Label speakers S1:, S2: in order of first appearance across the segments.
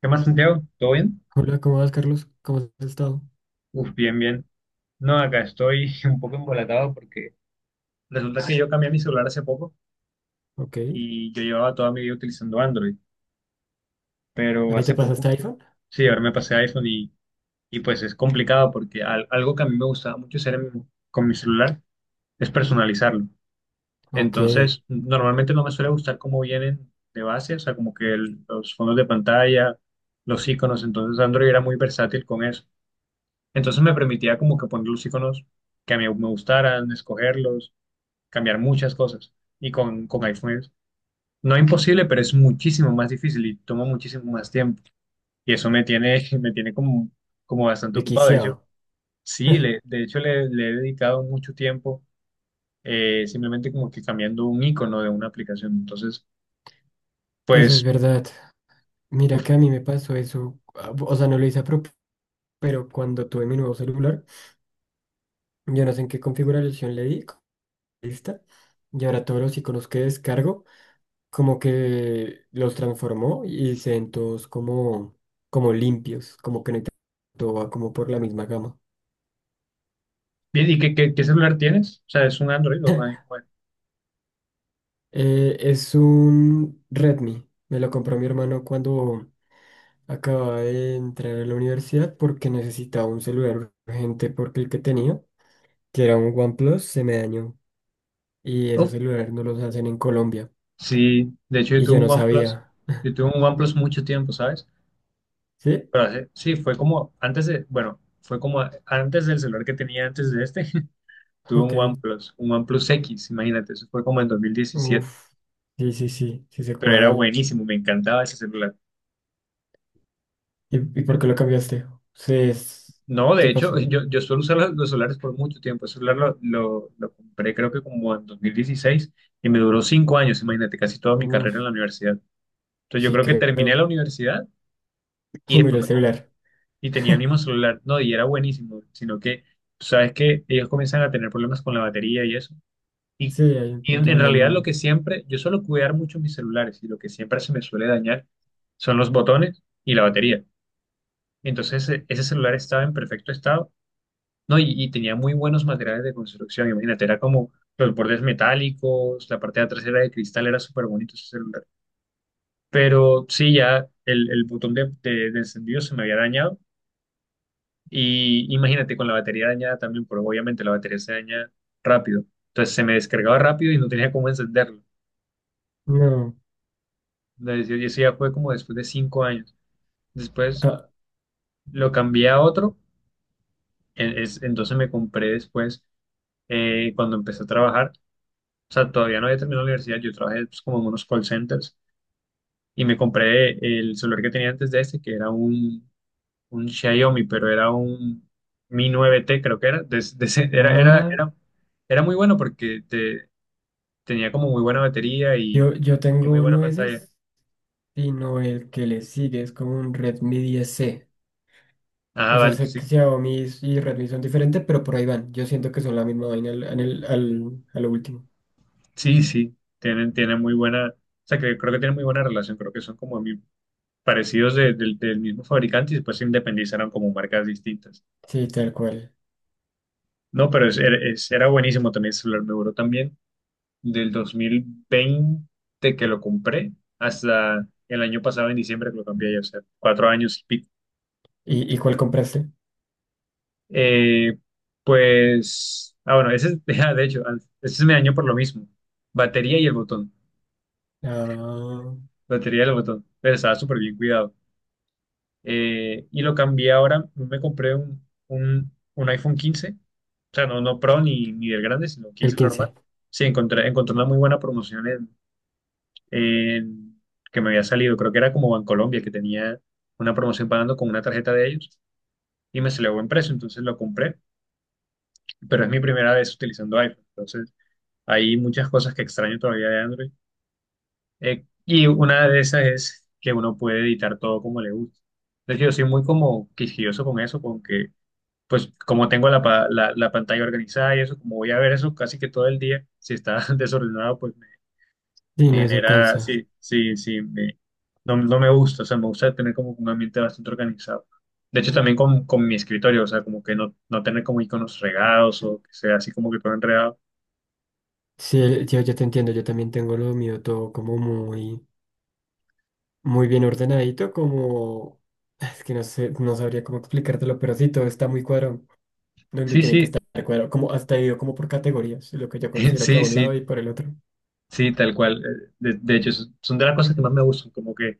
S1: ¿Qué más, Santiago? ¿Todo bien?
S2: Hola, ¿cómo vas, Carlos? ¿Cómo has estado?
S1: Uf, bien, bien. No, acá estoy un poco embolatado porque resulta que yo cambié mi celular hace poco
S2: Ok.
S1: y yo llevaba toda mi vida utilizando Android, pero
S2: ¿Ahí te
S1: hace poco,
S2: pasaste iPhone?
S1: sí, ahora me pasé a iPhone y pues es complicado porque algo que a mí me gustaba mucho hacer con mi celular es personalizarlo.
S2: Ok.
S1: Entonces, normalmente no me suele gustar cómo vienen de base, o sea, como que los fondos de pantalla, los iconos. Entonces Android era muy versátil con eso. Entonces me permitía como que poner los iconos que a mí me gustaran, escogerlos, cambiar muchas cosas. Y con iPhone no es imposible, pero es muchísimo más difícil y toma muchísimo más tiempo. Y eso me tiene, me tiene como, como bastante ocupado. De hecho,
S2: Requisiado.
S1: sí, le, de hecho le, le he dedicado mucho tiempo, simplemente como que cambiando un icono de una aplicación. Entonces,
S2: Eso es
S1: pues,
S2: verdad. Mira
S1: uf,
S2: que a mí me pasó eso. Ah, o sea, no lo hice a propósito, pero cuando tuve mi nuevo celular, yo no sé en qué configuración le di. Lista. Y ahora todos los iconos que descargo, como que los transformó y se ven todos como limpios, como que no hay tanto, todo va como por la misma gama.
S1: bien, ¿y qué celular tienes? O sea, ¿es un Android o un iPhone?
S2: Es un Redmi. Me lo compró mi hermano cuando acababa de entrar a la universidad porque necesitaba un celular urgente porque el que tenía, que era un OnePlus, se me dañó. Y esos
S1: Uf,
S2: celulares no los hacen en Colombia.
S1: sí, de hecho yo
S2: Y yo
S1: tuve
S2: no
S1: un OnePlus.
S2: sabía.
S1: Yo tuve un OnePlus mucho tiempo, ¿sabes?
S2: ¿Sí?
S1: Pero sí, fue como antes de, bueno, fue como antes del celular que tenía antes de este. Tuve
S2: Ok.
S1: un OnePlus X, imagínate, eso fue como en 2017,
S2: Uf. Sí, sí, sí. Sí sé
S1: pero era
S2: cuál.
S1: buenísimo, me encantaba ese celular.
S2: ¿Y por qué lo cambiaste? Sí.
S1: No,
S2: ¿Qué
S1: de
S2: pasó?
S1: hecho, yo suelo usar los celulares por mucho tiempo. Ese celular lo compré creo que como en 2016 y me duró 5 años, imagínate, casi toda mi
S2: Uf.
S1: carrera en la universidad. Entonces yo
S2: Sí,
S1: creo que terminé la
S2: creo.
S1: universidad y
S2: Y miré
S1: después
S2: el celular.
S1: y tenía el mismo celular, no, y era buenísimo, sino que tú sabes que ellos comienzan a tener problemas con la batería y eso. Y,
S2: Sí, hay un
S1: y
S2: punto
S1: en
S2: donde ya
S1: realidad lo
S2: no.
S1: que siempre, yo suelo cuidar mucho mis celulares, y lo que siempre se me suele dañar son los botones y la batería. Entonces ese celular estaba en perfecto estado, ¿no? Y tenía muy buenos materiales de construcción, imagínate, era como los bordes metálicos, la parte de atrás era de cristal, era súper bonito ese celular. Pero sí, ya el botón de, de encendido se me había dañado, y imagínate con la batería dañada también, porque obviamente la batería se daña rápido. Entonces se me descargaba rápido y no tenía cómo encenderlo.
S2: No.
S1: La decisión, y eso ya fue como después de 5 años. Después
S2: Ah,
S1: lo cambié a otro. Entonces me compré después, cuando empecé a trabajar, o sea, todavía no había terminado la universidad, yo trabajé pues, como en unos call centers, y me compré el celular que tenía antes de este, que era un Xiaomi, pero era un Mi 9T, creo que era. Era, era,
S2: ah,
S1: era, era muy bueno porque tenía como muy buena batería
S2: yo, yo
S1: y muy
S2: tengo
S1: buena
S2: nueces.
S1: pantalla.
S2: Sino el que le sigue es como un Redmi 10C.
S1: Ah,
S2: O sea,
S1: vale, que
S2: sé
S1: sí.
S2: que Xiaomi y Redmi son diferentes, pero por ahí van. Yo siento que son la misma vaina al, en el- al- a lo último.
S1: Sí, sí, tienen, tienen muy buena, o sea, que creo que tienen muy buena relación, creo que son como muy parecidos del del mismo fabricante, y después se independizaron como marcas distintas.
S2: Sí, tal cual.
S1: No, pero era buenísimo también el celular, me duró también del 2020 que lo compré hasta el año pasado en diciembre que lo cambié ya, o sea, 4 años y pico.
S2: ¿Y cuál compraste?
S1: Eh, pues, ah, bueno, ese, ah, de hecho, ese es mi año por lo mismo, batería y el botón,
S2: Ah,
S1: batería y el botón, pero estaba súper bien cuidado. Y lo cambié ahora, me compré un, un iPhone 15, o sea, no, no Pro ni, ni del grande, sino
S2: el
S1: 15 normal.
S2: 15.
S1: Sí, encontré, encontré una muy buena promoción en- que me había salido, creo que era como Bancolombia, que tenía una promoción pagando con una tarjeta de ellos, y me salió buen precio, entonces lo compré, pero es mi primera vez utilizando iPhone, entonces hay muchas cosas que extraño todavía de Android. Y una de esas es que uno puede editar todo como le gusta. Es decir, yo soy muy como quisquilloso con eso, con que pues como tengo la, la pantalla organizada y eso, como voy a ver eso casi que todo el día, si está desordenado, pues me,
S2: Sí,
S1: me
S2: no, eso
S1: genera,
S2: cansa.
S1: sí, sí, sí, no, no me gusta, o sea, me gusta tener como un ambiente bastante organizado. De hecho, también con mi escritorio, o sea, como que no, no tener como iconos regados o que sea así como que todo enredado.
S2: Sí, yo te entiendo, yo también tengo lo mío todo como muy, muy bien ordenadito, como. Es que no sé, no sabría cómo explicártelo, pero sí, todo está muy cuadrado. Donde
S1: Sí,
S2: tiene que
S1: sí,
S2: estar cuadrado, como hasta ido como por categorías, lo que yo considero que a
S1: sí,
S2: un lado
S1: sí,
S2: y por el otro.
S1: sí, tal cual. De hecho, son son de las cosas que más me gustan, como que,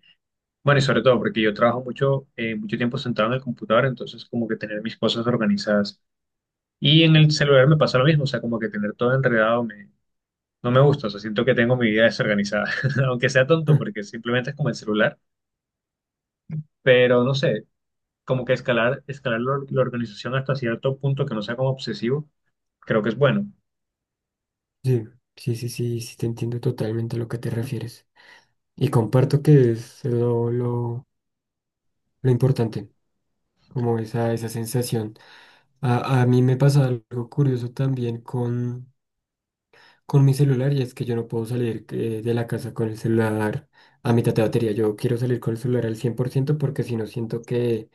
S1: bueno, y sobre todo porque yo trabajo mucho, mucho tiempo sentado en el computador, entonces como que tener mis cosas organizadas. Y en el celular me pasa lo mismo, o sea, como que tener todo enredado no me gusta, o sea, siento que tengo mi vida desorganizada, aunque sea tonto
S2: Ah,
S1: porque simplemente es como el celular, pero no sé, como que escalar la organización hasta cierto punto que no sea como obsesivo, creo que es bueno.
S2: sí, sí, sí, sí, sí, te entiendo totalmente a lo que te refieres. Y comparto que es lo importante, como esa sensación. A mí me pasa algo curioso también con mi celular y es que yo no puedo salir de la casa con el celular a mitad de batería. Yo quiero salir con el celular al 100% porque si no siento que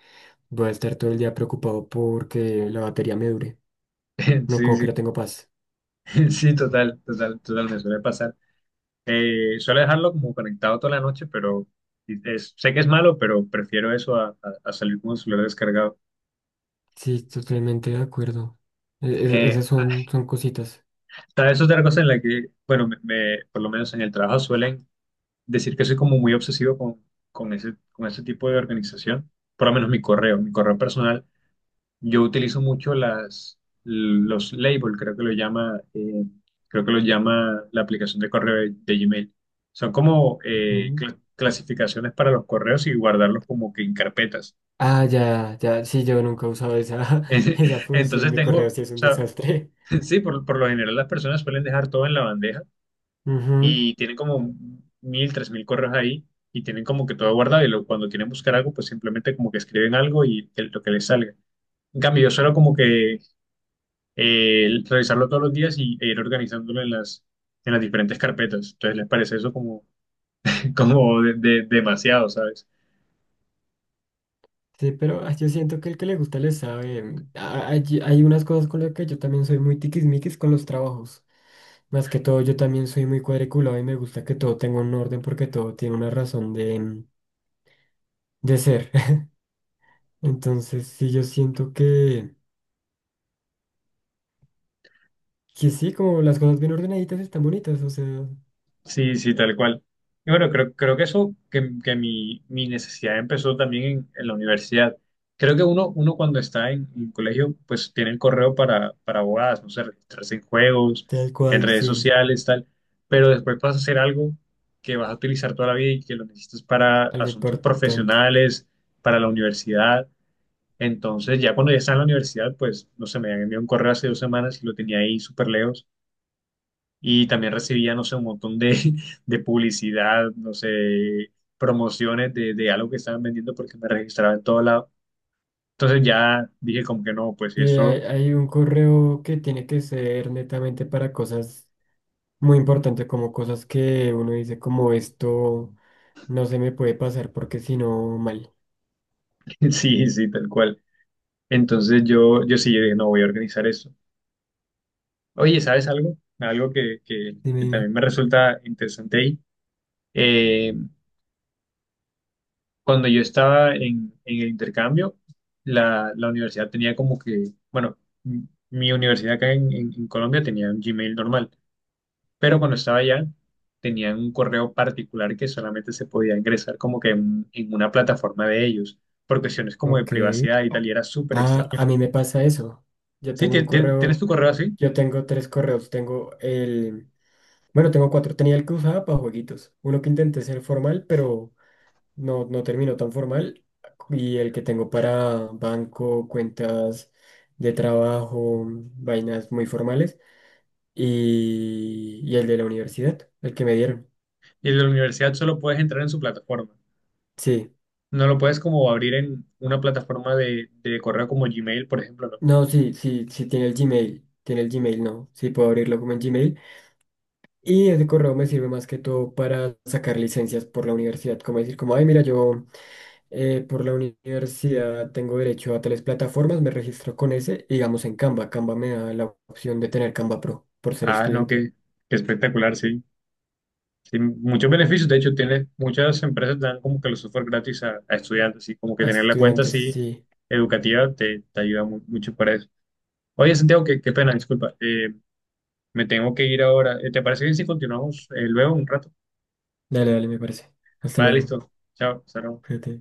S2: voy a estar todo el día preocupado porque la batería me dure. No,
S1: Sí,
S2: como
S1: sí,
S2: que no tengo paz.
S1: sí, total, total, total, me suele pasar. Suele dejarlo como conectado toda la noche, pero sé que es malo, pero prefiero eso a, a salir con el celular descargado.
S2: Sí, totalmente de acuerdo. E-
S1: Eh,
S2: Esas son, son cositas.
S1: hasta eso es otra cosa en la que, bueno, por lo menos en el trabajo suelen decir que soy como muy obsesivo con ese, con ese tipo de organización. Por lo menos mi correo personal, yo utilizo mucho los labels, creo que lo llama, creo que lo llama la aplicación de correo de Gmail. Son como
S2: Mm.
S1: clasificaciones para los correos y guardarlos como que en carpetas.
S2: Ah, ya, ya, sí, yo nunca he usado esa, esa función,
S1: Entonces
S2: mi
S1: tengo,
S2: correo
S1: o
S2: sí es un
S1: sea,
S2: desastre.
S1: sí, por lo general las personas suelen dejar todo en la bandeja
S2: Ujú.
S1: y tienen como 1000, 3000 correos ahí, y tienen como que todo guardado, y cuando quieren buscar algo, pues simplemente como que escriben algo y lo que les salga. En cambio, yo suelo como que revisarlo todos los días, y, e ir organizándolo en las diferentes carpetas. Entonces, ¿les parece eso como, demasiado? ¿Sabes?
S2: Sí, pero yo siento que el que le gusta le sabe. Ah, hay unas cosas con las que yo también soy muy tiquismiquis con los trabajos. Más que todo, yo también soy muy cuadriculado y me gusta que todo tenga un orden porque todo tiene una razón de, de ser. Entonces, sí, yo siento que, sí, como las cosas bien ordenaditas están bonitas, o sea,
S1: Sí, sí, tal cual. Y bueno, creo, creo que eso, que mi, mi necesidad empezó también en la universidad. Creo que uno cuando está en colegio, pues tiene el correo para abogadas, no sé, registrarse en juegos,
S2: tal
S1: en
S2: cual,
S1: redes
S2: sí,
S1: sociales, tal. Pero después vas a hacer algo que vas a utilizar toda la vida y que lo necesitas para
S2: algo
S1: asuntos
S2: importante.
S1: profesionales, para la universidad. Entonces, ya cuando ya está en la universidad, pues, no sé, me habían enviado un correo hace 2 semanas y lo tenía ahí súper lejos, y también recibía, no sé, un montón de, de publicidad, no sé, promociones de algo que estaban vendiendo porque me registraba en todo lado. Entonces ya dije como que no, pues
S2: Sí, hay,
S1: eso,
S2: hay un correo que tiene que ser netamente para cosas muy importantes, como cosas que uno dice como esto no se me puede pasar porque si no mal.
S1: sí, sí, tal cual. Entonces yo sí, yo dije, no, voy a organizar eso. Oye, ¿sabes algo? Algo que, que,
S2: Dime,
S1: que
S2: dime.
S1: también me resulta interesante ahí. Eh, cuando yo estaba en el intercambio, la universidad tenía como que, bueno, m- mi universidad acá en, en Colombia tenía un Gmail normal, pero cuando estaba allá tenían un correo particular que solamente se podía ingresar como que en una plataforma de ellos, por cuestiones como de
S2: Ok.
S1: privacidad y tal, y era súper
S2: Ah,
S1: extraño.
S2: a mí me pasa eso. Yo
S1: Sí,
S2: tengo un
S1: tienes
S2: correo,
S1: tu correo así,
S2: yo tengo tres correos. Tengo el, bueno, tengo cuatro. Tenía el que usaba para jueguitos. Uno que intenté ser formal, pero no, no terminó tan formal y el que tengo para banco, cuentas de trabajo, vainas muy formales y el de la universidad, el que me dieron.
S1: y el de la universidad solo puedes entrar en su plataforma.
S2: Sí,
S1: No lo puedes como abrir en una plataforma de correo como Gmail, por ejemplo, ¿no?
S2: no, sí, sí, sí tiene el Gmail, no, sí puedo abrirlo como en Gmail y ese correo me sirve más que todo para sacar licencias por la universidad, como decir, como, ay, mira, yo. Por la universidad tengo derecho a tales plataformas, me registro con ese y digamos en Canva. Canva me da la opción de tener Canva Pro por ser
S1: Ah, no,
S2: estudiante.
S1: qué, qué espectacular, sí. Sí, muchos beneficios, de hecho, tiene, muchas empresas dan como que los software gratis a estudiantes, así como que
S2: A
S1: tener la cuenta
S2: estudiantes,
S1: así
S2: sí.
S1: educativa te ayuda mucho para eso. Oye, Santiago, qué, qué pena, disculpa. Me tengo que ir ahora. ¿Te parece bien si continuamos luego un rato?
S2: Dale, dale, me parece. Hasta
S1: Vale,
S2: luego.
S1: listo. Chao, hasta luego.
S2: Fíjate.